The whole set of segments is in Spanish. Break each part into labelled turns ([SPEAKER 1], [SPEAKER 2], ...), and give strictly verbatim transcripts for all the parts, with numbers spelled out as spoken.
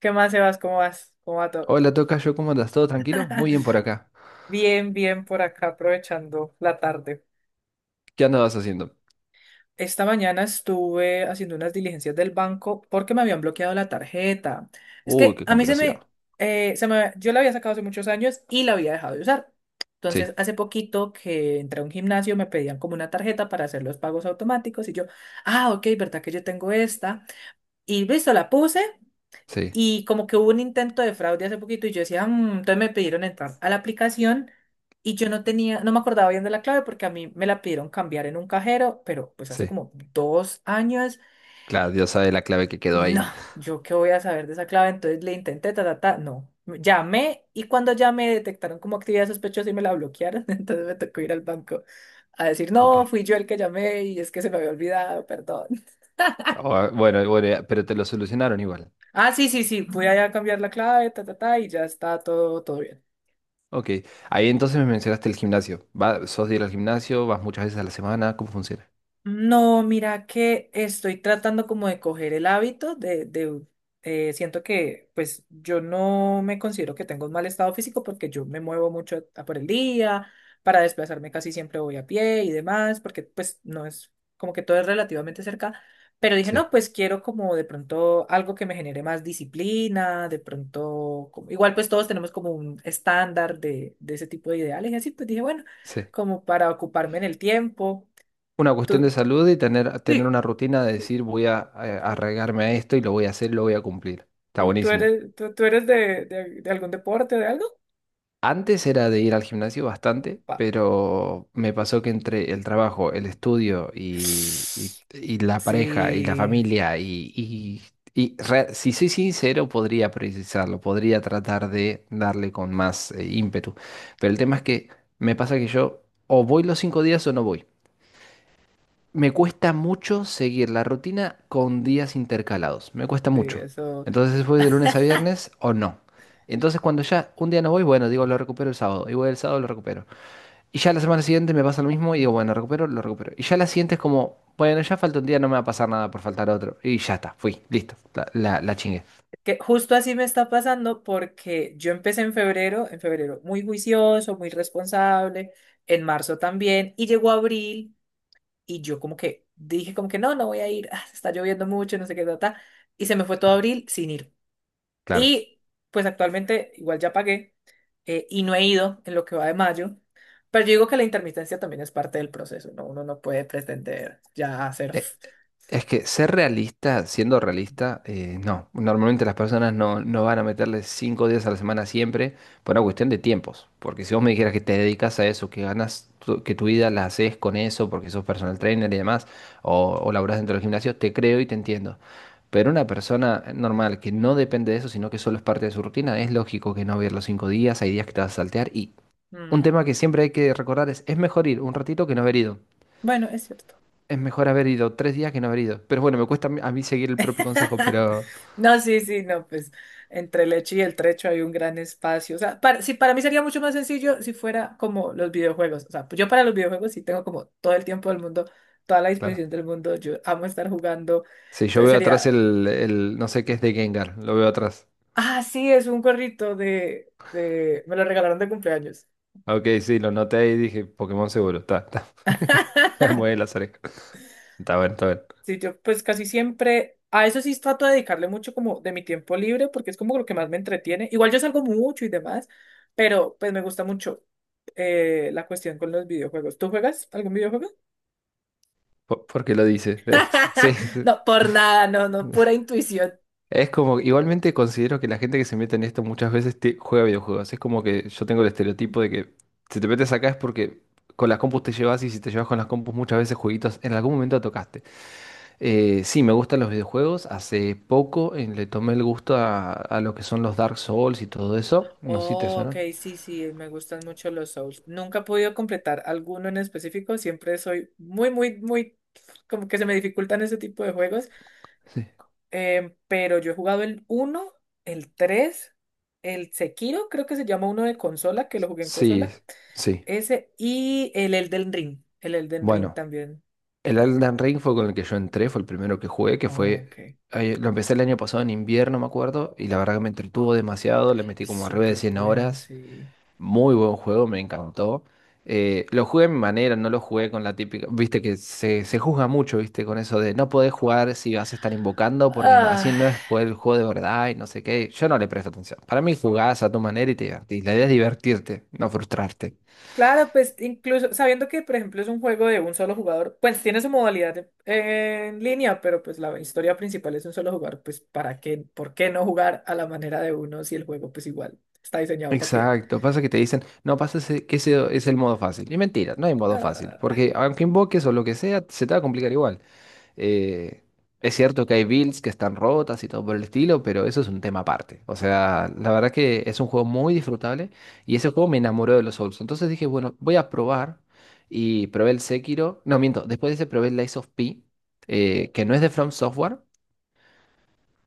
[SPEAKER 1] ¿Qué más, Sebas? ¿Cómo vas? ¿Cómo va todo?
[SPEAKER 2] Hola, tocayo, ¿cómo andas? ¿Todo tranquilo? Muy bien por acá.
[SPEAKER 1] Bien, bien por acá aprovechando la tarde.
[SPEAKER 2] ¿Qué andabas haciendo?
[SPEAKER 1] Esta mañana estuve haciendo unas diligencias del banco porque me habían bloqueado la tarjeta. Es
[SPEAKER 2] Uy,
[SPEAKER 1] que
[SPEAKER 2] qué
[SPEAKER 1] a mí se
[SPEAKER 2] complicación.
[SPEAKER 1] me, eh, se me, yo la había sacado hace muchos años y la había dejado de usar.
[SPEAKER 2] Sí,
[SPEAKER 1] Entonces, hace poquito que entré a un gimnasio, me pedían como una tarjeta para hacer los pagos automáticos y yo, ah, ok, ¿verdad que yo tengo esta? Y listo, la puse.
[SPEAKER 2] sí,
[SPEAKER 1] Y como que hubo un intento de fraude hace poquito y yo decía, "Mm", entonces me pidieron entrar a la aplicación y yo no tenía, no me acordaba bien de la clave porque a mí me la pidieron cambiar en un cajero, pero pues hace
[SPEAKER 2] sí.
[SPEAKER 1] como dos años,
[SPEAKER 2] Claro, Dios sabe la clave que quedó
[SPEAKER 1] no,
[SPEAKER 2] ahí.
[SPEAKER 1] yo qué voy a saber de esa clave, entonces le intenté, ta, ta, ta, no. Llamé y cuando llamé detectaron como actividad sospechosa y me la bloquearon, entonces me tocó ir al banco a decir,
[SPEAKER 2] Ok.
[SPEAKER 1] no, fui yo el que llamé y es que se me había olvidado, perdón.
[SPEAKER 2] Ah, bueno, bueno, ya, pero te lo solucionaron igual.
[SPEAKER 1] Ah, sí, sí, sí, fui allá a cambiar la clave, ta, ta, ta, y ya está todo, todo bien.
[SPEAKER 2] Ok. Ahí entonces me mencionaste el gimnasio. ¿Va, sos de ir al gimnasio? ¿Vas muchas veces a la semana? ¿Cómo funciona?
[SPEAKER 1] No, mira que estoy tratando como de coger el hábito de, de eh, Siento que pues yo no me considero que tengo un mal estado físico porque yo me muevo mucho a por el día, para desplazarme casi siempre voy a pie y demás, porque pues no es como que todo es relativamente cerca, pero dije,
[SPEAKER 2] Sí,
[SPEAKER 1] no, pues quiero como de pronto algo que me genere más disciplina, de pronto, como- igual pues todos tenemos como un estándar de, de ese tipo de ideales y así, pues dije, bueno,
[SPEAKER 2] sí.
[SPEAKER 1] como para ocuparme en el tiempo.
[SPEAKER 2] Una cuestión de
[SPEAKER 1] ¿Tú,
[SPEAKER 2] salud y tener, tener
[SPEAKER 1] Sí.
[SPEAKER 2] una rutina de decir voy a, eh, arraigarme a esto y lo voy a hacer, lo voy a cumplir. Está
[SPEAKER 1] ¿Tú, tú
[SPEAKER 2] buenísimo.
[SPEAKER 1] eres, tú, tú eres de, de- de algún deporte, de algo?
[SPEAKER 2] Antes era de ir al gimnasio bastante,
[SPEAKER 1] Opa.
[SPEAKER 2] pero me pasó que entre el trabajo, el estudio y, y- y la pareja y la
[SPEAKER 1] Sí,
[SPEAKER 2] familia y, y- y re- si soy sincero, podría priorizarlo, podría tratar de darle con más eh, ímpetu. Pero el tema es que me pasa que yo o voy los cinco días o no voy. Me cuesta mucho seguir la rutina con días intercalados. Me cuesta
[SPEAKER 1] sí,
[SPEAKER 2] mucho.
[SPEAKER 1] eso.
[SPEAKER 2] Entonces voy de lunes a viernes o no. Entonces cuando ya un día no voy, bueno, digo, lo recupero el sábado. Y voy el sábado, lo recupero. Y ya la semana siguiente me pasa lo mismo y digo, bueno, recupero, lo recupero. Y ya la siguiente es como, bueno, ya falta un día, no me va a pasar nada por faltar otro. Y ya está, fui, listo, la, la, la chingué.
[SPEAKER 1] Que justo así me está pasando porque yo empecé en febrero, en febrero muy juicioso, muy responsable, en marzo también, y llegó abril y yo como que dije como que no, no voy a ir, ah, está lloviendo mucho, no sé qué, ta, ta", y se me fue todo
[SPEAKER 2] Claro,
[SPEAKER 1] abril sin ir.
[SPEAKER 2] claro.
[SPEAKER 1] Y pues actualmente igual ya pagué eh, y no he ido en lo que va de mayo. Pero yo digo que la intermitencia también es parte del proceso, ¿no? Uno no puede pretender ya hacer...
[SPEAKER 2] Eh, Es que ser realista, siendo realista, eh, no. Normalmente las personas no, no van a meterle cinco días a la semana siempre por una cuestión de tiempos. Porque si vos me dijeras que te dedicas a eso, que ganas, tu- que tu vida la haces con eso, porque sos personal trainer y demás, o, o laburás dentro del gimnasio, te creo y te entiendo. Pero una persona normal que no depende de eso, sino que solo es parte de su rutina, es lógico que no va a ir los cinco días, hay días que te vas a saltear. Y un
[SPEAKER 1] Mm,
[SPEAKER 2] tema que siempre hay que recordar es, es mejor ir un ratito que no haber ido.
[SPEAKER 1] bueno, es cierto.
[SPEAKER 2] Es mejor haber ido tres días que no haber ido. Pero bueno, me cuesta a mí a mí seguir el propio consejo, pero
[SPEAKER 1] No, sí, sí, no, pues entre el hecho y el trecho hay un gran espacio. O sea, para, sí, para mí sería mucho más sencillo si fuera como los videojuegos. O sea, yo para los videojuegos sí tengo como todo el tiempo del mundo, toda la
[SPEAKER 2] claro.
[SPEAKER 1] disposición del mundo. Yo amo estar jugando.
[SPEAKER 2] Sí, yo
[SPEAKER 1] Entonces
[SPEAKER 2] veo atrás
[SPEAKER 1] sería
[SPEAKER 2] el, el no sé qué es de Gengar, lo veo atrás.
[SPEAKER 1] Ah, sí, es un gorrito de, de... Me lo regalaron de cumpleaños.
[SPEAKER 2] Ah, Ok, sí, lo noté y dije, Pokémon seguro, está, está. Mueve las orejas. Está bueno, está bueno.
[SPEAKER 1] Sí, yo pues casi siempre... A eso sí trato de dedicarle mucho como de mi tiempo libre porque es como lo que más me entretiene. Igual yo salgo mucho y demás, pero pues me gusta mucho eh, la cuestión con los videojuegos. ¿Tú juegas algún videojuego?
[SPEAKER 2] Po- Porque lo dice. Sí, sí.
[SPEAKER 1] No, por nada, no, no, pura intuición.
[SPEAKER 2] es como, igualmente considero que la gente que se mete en esto muchas veces te- juega videojuegos. Es como que yo tengo el estereotipo de que si te metes acá es porque con las compus te llevas y si te llevas con las compus muchas veces jueguitos en algún momento tocaste. Eh, sí, me gustan los videojuegos. Hace poco eh, le tomé el gusto a, a lo que son los Dark Souls y todo eso. No sé si te
[SPEAKER 1] Oh, ok,
[SPEAKER 2] suena.
[SPEAKER 1] sí, sí, me gustan mucho los Souls. Nunca he podido completar alguno en específico, siempre soy muy, muy, muy, como que se me dificultan ese tipo de juegos.
[SPEAKER 2] Sí.
[SPEAKER 1] Em, pero yo he jugado el uno, el tres, el Sekiro, creo que se llama uno de consola, que lo jugué en
[SPEAKER 2] Sí,
[SPEAKER 1] consola,
[SPEAKER 2] sí.
[SPEAKER 1] ese y el Elden Ring, el Elden Ring
[SPEAKER 2] Bueno,
[SPEAKER 1] también.
[SPEAKER 2] el Elden Ring fue con el que yo entré, fue el primero que jugué. que
[SPEAKER 1] Oh,
[SPEAKER 2] fue...
[SPEAKER 1] ok,
[SPEAKER 2] eh, Lo empecé el año pasado en invierno, me acuerdo, y la verdad que me entretuvo demasiado, le metí
[SPEAKER 1] es
[SPEAKER 2] como arriba de
[SPEAKER 1] súper
[SPEAKER 2] cien
[SPEAKER 1] bueno,
[SPEAKER 2] horas.
[SPEAKER 1] sí.
[SPEAKER 2] Muy buen juego, me encantó. Eh, lo jugué a mi manera, no lo jugué con la típica. Viste que se, se juzga mucho, viste, con eso de no podés jugar si vas a estar invocando porque no- así
[SPEAKER 1] Ah.
[SPEAKER 2] no es jugar el juego de verdad y no sé qué. Yo no le presto atención. Para mí jugás a tu manera y te divertís. La idea es divertirte, no frustrarte.
[SPEAKER 1] Claro, pues incluso sabiendo que, por ejemplo, es un juego de un solo jugador, pues tiene su modalidad en, en línea, pero pues la historia principal es un solo jugador, pues ¿para qué? ¿Por qué no jugar a la manera de uno si el juego pues igual está diseñado para que...
[SPEAKER 2] Exacto, pasa que te dicen, no, pasa ese- que ese es el modo fácil. Y mentira, no hay modo fácil,
[SPEAKER 1] Ah,
[SPEAKER 2] porque aunque invoques o lo que sea, se te va a complicar igual. Eh, es cierto que hay builds que están rotas y todo por el estilo, pero eso es un tema aparte. O sea, la verdad que es un juego muy disfrutable y ese juego me enamoró de los Souls. Entonces dije, bueno, voy a probar y probé el Sekiro. No, miento, después de ese probé el Lies of P, eh, que no es de From Software,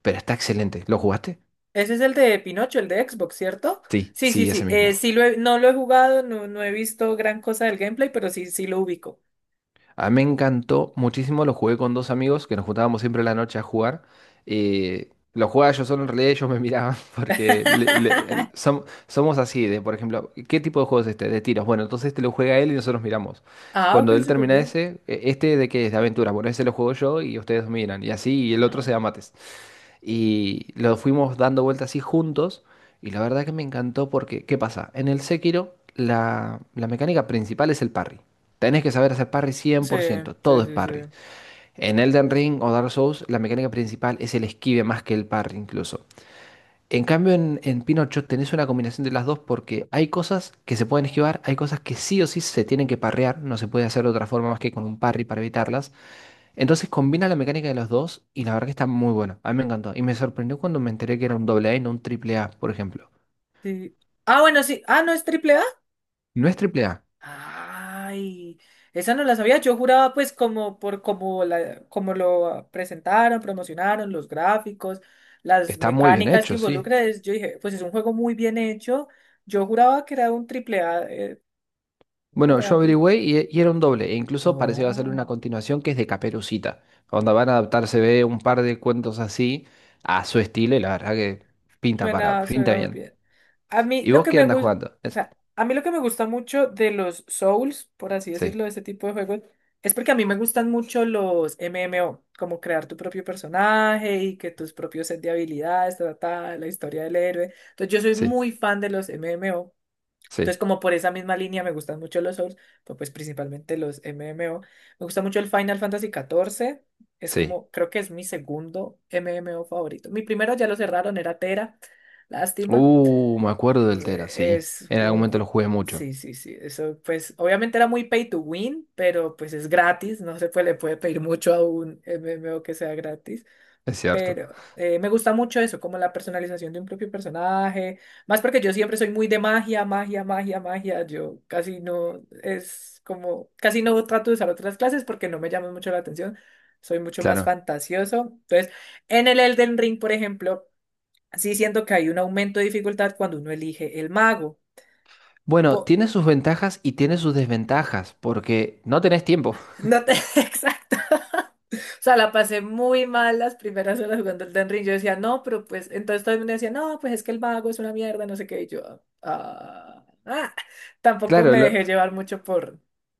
[SPEAKER 2] pero está excelente. ¿Lo jugaste?
[SPEAKER 1] ese es el de Pinocho, el de Xbox, ¿cierto?
[SPEAKER 2] Sí,
[SPEAKER 1] Sí, sí,
[SPEAKER 2] sí, ese
[SPEAKER 1] sí. Eh,
[SPEAKER 2] mismo.
[SPEAKER 1] sí lo he- no lo he jugado, no, no he visto gran cosa del gameplay, pero sí, sí lo ubico.
[SPEAKER 2] A mí me encantó muchísimo, lo jugué con dos amigos que nos juntábamos siempre en la noche a jugar. eh, lo jugaba yo solo, en realidad ellos me miraban porque le- le- el- som- somos así, de por ejemplo, ¿qué tipo de juego es este? De tiros. Bueno, entonces este lo juega él y nosotros miramos.
[SPEAKER 1] Ah, ok,
[SPEAKER 2] Cuando él
[SPEAKER 1] súper
[SPEAKER 2] termina
[SPEAKER 1] bien.
[SPEAKER 2] ese, "E- este de qué es, de aventura. Bueno, ese lo juego yo y ustedes miran. Y así, y el otro se da
[SPEAKER 1] No.
[SPEAKER 2] mates. Y lo fuimos dando vueltas así juntos. Y la verdad que me encantó porque, ¿qué pasa? En el Sekiro, la, la mecánica principal es el parry. Tenés que saber hacer parry cien
[SPEAKER 1] Sí,
[SPEAKER 2] por ciento todo
[SPEAKER 1] sí,
[SPEAKER 2] es
[SPEAKER 1] sí, sí.
[SPEAKER 2] parry. En Elden Ring o Dark Souls, la mecánica principal es el esquive más que el parry incluso. En cambio, en, en Pinocho tenés una combinación de las dos porque hay cosas que se pueden esquivar, hay cosas que sí o sí se tienen que parrear, no se puede hacer de otra forma más que con un parry para evitarlas. Entonces combina la mecánica de los dos y la verdad que está muy bueno. A mí me encantó. Y me sorprendió cuando me enteré que era un doble A y no un triple A, por ejemplo.
[SPEAKER 1] Sí. Ah, bueno, sí. Ah, no, es triple.
[SPEAKER 2] No es triple A.
[SPEAKER 1] Ay, esa no la sabía. Yo juraba, pues, como por como la, como lo presentaron, promocionaron, los gráficos, las
[SPEAKER 2] Está muy bien
[SPEAKER 1] mecánicas que
[SPEAKER 2] hecho, sí.
[SPEAKER 1] involucra. es- Yo dije, pues es un juego muy bien hecho. Yo juraba que era un triple A. Eh, no,
[SPEAKER 2] Bueno, yo
[SPEAKER 1] vea, pues.
[SPEAKER 2] averigüé y, y era un doble. E incluso parece que va a hacerle una
[SPEAKER 1] Oh.
[SPEAKER 2] continuación que es de Caperucita. Donde van a adaptarse ve un par de cuentos así a su estilo y la verdad que pinta para,
[SPEAKER 1] Suena,
[SPEAKER 2] pinta
[SPEAKER 1] suena muy
[SPEAKER 2] bien.
[SPEAKER 1] bien. A mí
[SPEAKER 2] ¿Y
[SPEAKER 1] lo
[SPEAKER 2] vos
[SPEAKER 1] que
[SPEAKER 2] qué
[SPEAKER 1] me
[SPEAKER 2] andas
[SPEAKER 1] gusta,
[SPEAKER 2] jugando?
[SPEAKER 1] o
[SPEAKER 2] ¿Es?
[SPEAKER 1] sea, a mí lo que me gusta mucho de los Souls, por así
[SPEAKER 2] Sí,
[SPEAKER 1] decirlo, de este tipo de juegos, es porque a mí me gustan mucho los M M O, como crear tu propio personaje y que tus propios set de habilidades, trata la historia del héroe. Entonces yo soy
[SPEAKER 2] sí,
[SPEAKER 1] muy fan de los M M O, entonces,
[SPEAKER 2] sí,
[SPEAKER 1] como por esa misma línea me gustan mucho los Souls, pero pues principalmente los M M O. Me gusta mucho el Final Fantasy catorce. Es
[SPEAKER 2] sí.
[SPEAKER 1] como, creo que es mi segundo M M O favorito. Mi primero ya lo cerraron, era Tera. Lástima.
[SPEAKER 2] Uh, me acuerdo del Tera,
[SPEAKER 1] Eh,
[SPEAKER 2] sí.
[SPEAKER 1] Es
[SPEAKER 2] En algún
[SPEAKER 1] un...
[SPEAKER 2] momento lo
[SPEAKER 1] ju-
[SPEAKER 2] jugué mucho.
[SPEAKER 1] Sí, sí, sí. Eso, pues, obviamente era muy pay to win, pero pues es gratis. No se puede, le puede pedir mucho a un M M O que sea gratis.
[SPEAKER 2] Es cierto.
[SPEAKER 1] Pero eh, me gusta mucho eso, como la personalización de un propio personaje. Más porque yo siempre soy muy de magia, magia, magia, magia. Yo casi no es como, casi no trato de usar otras clases porque no me llama mucho la atención. Soy mucho más
[SPEAKER 2] Claro.
[SPEAKER 1] fantasioso. Entonces, en el Elden Ring, por ejemplo, sí siento que hay un aumento de dificultad cuando uno elige el mago.
[SPEAKER 2] Bueno,
[SPEAKER 1] Po-
[SPEAKER 2] tiene sus ventajas y tiene sus desventajas, porque no tenés tiempo.
[SPEAKER 1] no te... Exacto. O sea, la pasé muy mal las primeras horas jugando el Elden Ring. Yo decía, no, pero pues, entonces todo el mundo decía, no, pues es que el vago es una mierda, no sé qué. Y yo, ah, ah". Tampoco
[SPEAKER 2] Claro,
[SPEAKER 1] me
[SPEAKER 2] lo-
[SPEAKER 1] dejé llevar mucho por.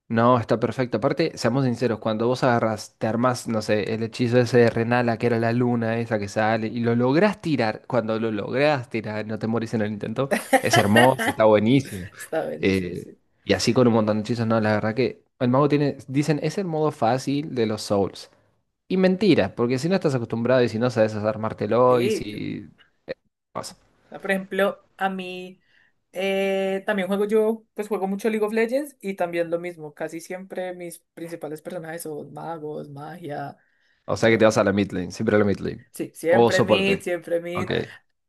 [SPEAKER 2] no, está perfecto. Aparte, seamos sinceros, cuando vos agarras, te armás, no sé, el hechizo ese de Renala, que era la luna esa que sale, y lo lográs tirar, cuando lo lográs tirar, no te morís en el intento, es hermoso, está buenísimo.
[SPEAKER 1] Está buenísimo,
[SPEAKER 2] Eh,
[SPEAKER 1] sí.
[SPEAKER 2] y así con un montón de hechizos, no, la verdad que el mago tiene, dicen, es el modo fácil de los Souls. Y mentira, porque si no estás acostumbrado y si no sabes armártelo y
[SPEAKER 1] Sí, yo.
[SPEAKER 2] si...
[SPEAKER 1] ah, por ejemplo, a mí eh, también juego yo, pues juego mucho League of Legends y también lo mismo. Casi siempre mis principales personajes son magos, magia,
[SPEAKER 2] O sea que te vas a
[SPEAKER 1] no.
[SPEAKER 2] la mid lane, siempre a la mid lane.
[SPEAKER 1] Sí,
[SPEAKER 2] O
[SPEAKER 1] siempre mid,
[SPEAKER 2] soporte.
[SPEAKER 1] siempre mid.
[SPEAKER 2] Ok,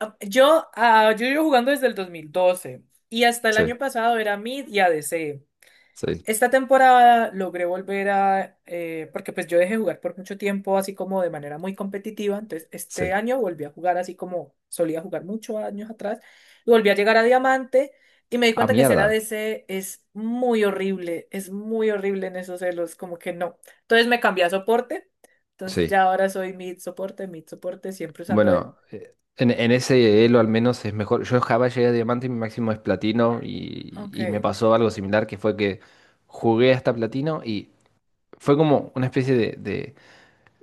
[SPEAKER 1] Ah, Yo, ah, yo llevo jugando desde el dos mil doce y hasta el
[SPEAKER 2] sí,
[SPEAKER 1] año pasado era mid y A D C.
[SPEAKER 2] sí,
[SPEAKER 1] Esta temporada logré volver a, eh, porque pues yo dejé jugar por mucho tiempo así como de manera muy competitiva, entonces este
[SPEAKER 2] sí.
[SPEAKER 1] año volví a jugar así como solía jugar muchos años atrás y volví a llegar a diamante y me di
[SPEAKER 2] Ah,
[SPEAKER 1] cuenta que ser a
[SPEAKER 2] mierda.
[SPEAKER 1] ADC es muy horrible, es muy horrible en esos celos, como que no. Entonces me cambié a soporte, entonces
[SPEAKER 2] Sí.
[SPEAKER 1] ya ahora soy mid soporte, mid soporte, siempre usando el...
[SPEAKER 2] Bueno, eh, en, en, ese elo al menos es mejor. Yo en Java llegué a diamante y mi máximo es platino y,
[SPEAKER 1] Ok.
[SPEAKER 2] y me pasó algo similar que fue que jugué hasta platino y fue como una especie de, de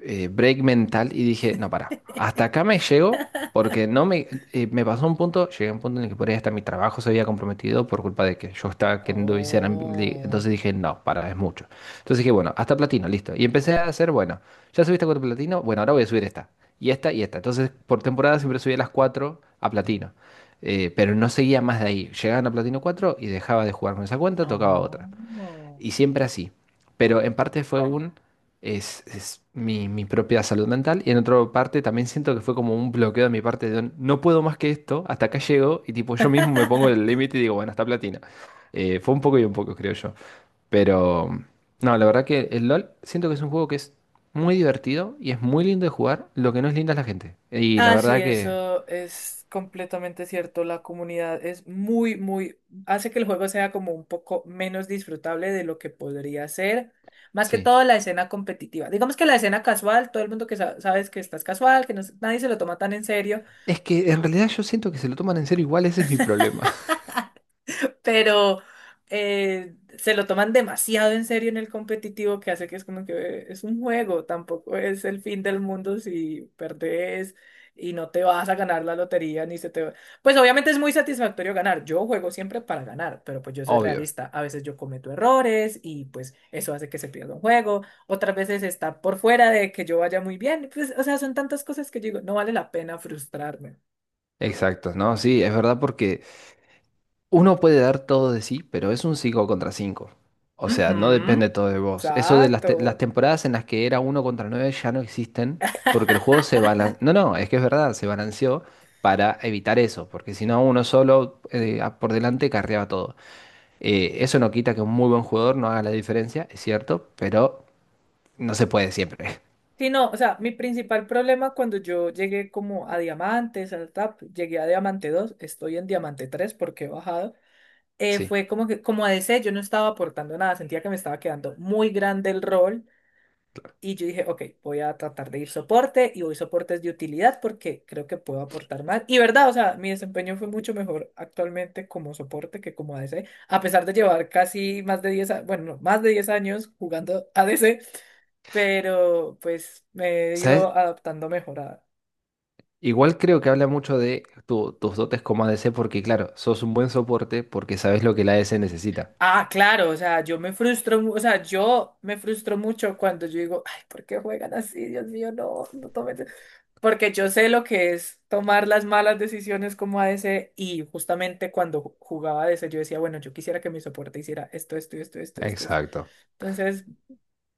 [SPEAKER 2] eh, break mental y dije, no, para, hasta acá me llego porque no me, eh, me pasó un punto, llegué a un punto en el que por ahí hasta mi trabajo se había comprometido por culpa de que yo estaba queriendo viciar, en li-
[SPEAKER 1] Oh,
[SPEAKER 2] entonces dije, no, para, es mucho. Entonces dije, bueno, hasta platino, listo. Y empecé a hacer, bueno, ya subiste a cuatro platino, bueno, ahora voy a subir esta, y esta, y esta. Entonces, por temporada siempre subía las cuatro a platino. Eh, pero no seguía más de ahí. Llegaban a Platino cuatro y dejaba de jugar con esa cuenta, tocaba otra.
[SPEAKER 1] oh.
[SPEAKER 2] Y siempre así. Pero en parte fue un, es, es mi, mi propia salud mental. Y en otra parte también siento que fue como un bloqueo de mi parte de no puedo más que esto, hasta acá llego. Y tipo, yo mismo me pongo el límite y digo, bueno, hasta platina. Eh, fue un poco y un poco, creo yo. Pero no, la verdad que el LOL siento que es un juego que es muy divertido y es muy lindo de jugar. Lo que no es lindo es la gente. Y la
[SPEAKER 1] Ah, sí,
[SPEAKER 2] verdad que
[SPEAKER 1] eso es completamente cierto. La comunidad es muy, muy, hace que el juego sea como un poco menos disfrutable de lo que podría ser. Más que
[SPEAKER 2] sí.
[SPEAKER 1] todo la escena competitiva. Digamos que la escena casual, todo el mundo que sa- sabes que estás casual, que no, se- nadie se lo toma tan en serio.
[SPEAKER 2] Es que en realidad yo siento que se lo toman en serio igual, ese es mi problema.
[SPEAKER 1] Pero eh, se lo toman demasiado en serio en el competitivo que hace que es como que eh, es un juego, tampoco es el fin del mundo si perdés y no te vas a ganar la lotería ni se te va. Pues obviamente es muy satisfactorio ganar. Yo juego siempre para ganar, pero pues yo soy
[SPEAKER 2] Obvio.
[SPEAKER 1] realista. A veces yo cometo errores y pues eso hace que se pierda un juego. Otras veces está por fuera de que yo vaya muy bien. Pues, o sea, son tantas cosas que yo digo, no vale la pena frustrarme.
[SPEAKER 2] Exacto, no, sí, es verdad porque Uno puede dar todo de sí, pero es un cinco contra cinco. O sea, no
[SPEAKER 1] Ujú,
[SPEAKER 2] depende todo de vos. Eso de las, te- las
[SPEAKER 1] exacto.
[SPEAKER 2] temporadas en las que era uno contra nueve ya no existen porque el juego se balanceó. No, no, es que es verdad, se balanceó para evitar eso, porque si no, uno solo eh, a- por delante carreaba todo. Eh, eso no quita que un muy buen jugador no haga la diferencia, es cierto, pero no se puede siempre.
[SPEAKER 1] Sí, no, o sea, mi principal problema cuando yo llegué como a diamantes, al T A P, llegué a diamante dos, estoy en diamante tres porque he bajado, eh,
[SPEAKER 2] Sí.
[SPEAKER 1] fue como que, como A D C, yo no estaba aportando nada, sentía que me estaba quedando muy grande el rol y yo dije, ok, voy a tratar de ir soporte y voy soportes de utilidad porque creo que puedo aportar más. Y verdad, o sea, mi desempeño fue mucho mejor actualmente como soporte que como A D C, a pesar de llevar casi más de diez, a- bueno, no, más de diez años jugando A D C, pero pues me he
[SPEAKER 2] ¿Sabes?
[SPEAKER 1] ido adaptando mejor a...
[SPEAKER 2] Igual creo que habla mucho de tu- tus dotes como A D C porque, claro, sos un buen soporte porque sabes lo que la A D C necesita.
[SPEAKER 1] Ah, claro, o sea, yo me frustro, mu- o sea, yo me frustro mucho cuando yo digo, ay, ¿por qué juegan así? Dios mío, no, no tomen... de-". Porque yo sé lo que es tomar las malas decisiones como a ADC y justamente cuando ju- jugaba A D C yo decía, bueno, yo quisiera que mi soporte hiciera esto, esto, esto, esto, esto. Esto".
[SPEAKER 2] Exacto.
[SPEAKER 1] Entonces,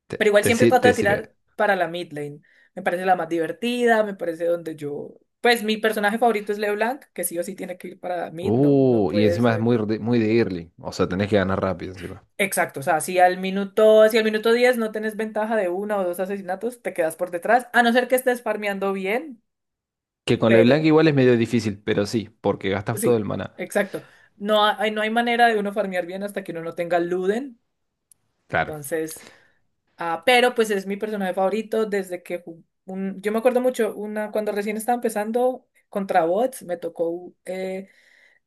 [SPEAKER 2] Te,
[SPEAKER 1] pero igual
[SPEAKER 2] te
[SPEAKER 1] siempre
[SPEAKER 2] sir-
[SPEAKER 1] trato de
[SPEAKER 2] te
[SPEAKER 1] tirar
[SPEAKER 2] sirve.
[SPEAKER 1] para la mid lane. Me parece la más divertida, me parece donde yo... Pues mi personaje favorito es LeBlanc, que sí o sí tiene que ir para mid, no, no
[SPEAKER 2] Uh, y
[SPEAKER 1] puede
[SPEAKER 2] encima es
[SPEAKER 1] ser.
[SPEAKER 2] muy, de- muy de early. O sea, tenés que ganar rápido encima.
[SPEAKER 1] Exacto, o sea, si al minuto, si al minuto diez no tenés ventaja de una o dos asesinatos, te quedas por detrás, a no ser que estés farmeando bien,
[SPEAKER 2] Que con LeBlanc
[SPEAKER 1] pero
[SPEAKER 2] igual es medio difícil, pero sí, porque gastas todo
[SPEAKER 1] sí,
[SPEAKER 2] el maná.
[SPEAKER 1] exacto. No hay, no hay manera de uno farmear bien hasta que uno no tenga Luden,
[SPEAKER 2] Claro,
[SPEAKER 1] entonces... Ah, pero pues es mi personaje favorito desde que ju- un- yo me acuerdo mucho una cuando recién estaba empezando contra bots, me tocó eh,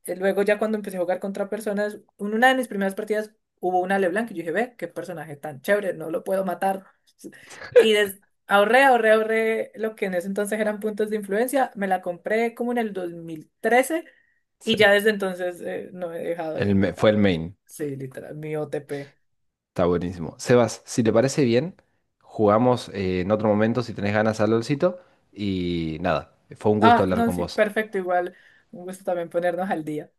[SPEAKER 1] eh, luego ya cuando empecé a jugar contra personas, en una de mis primeras partidas hubo una LeBlanc y yo dije, ve, qué personaje tan chévere, no lo puedo matar. Y des- ahorré, ahorré, ahorré lo que en ese entonces eran puntos de influencia, me la compré como en el dos mil trece y ya
[SPEAKER 2] sí.
[SPEAKER 1] desde entonces eh, no he dejado
[SPEAKER 2] El,
[SPEAKER 1] de
[SPEAKER 2] ma- fue
[SPEAKER 1] jugar.
[SPEAKER 2] el main.
[SPEAKER 1] Sí, literal, mi O T P.
[SPEAKER 2] Está buenísimo. Sebas, si te parece bien, jugamos eh, en otro momento si tenés ganas al LOLcito. Y nada, fue un gusto
[SPEAKER 1] Ah,
[SPEAKER 2] hablar
[SPEAKER 1] no,
[SPEAKER 2] con
[SPEAKER 1] sí,
[SPEAKER 2] vos.
[SPEAKER 1] perfecto, igual. Un gusto también ponernos al día.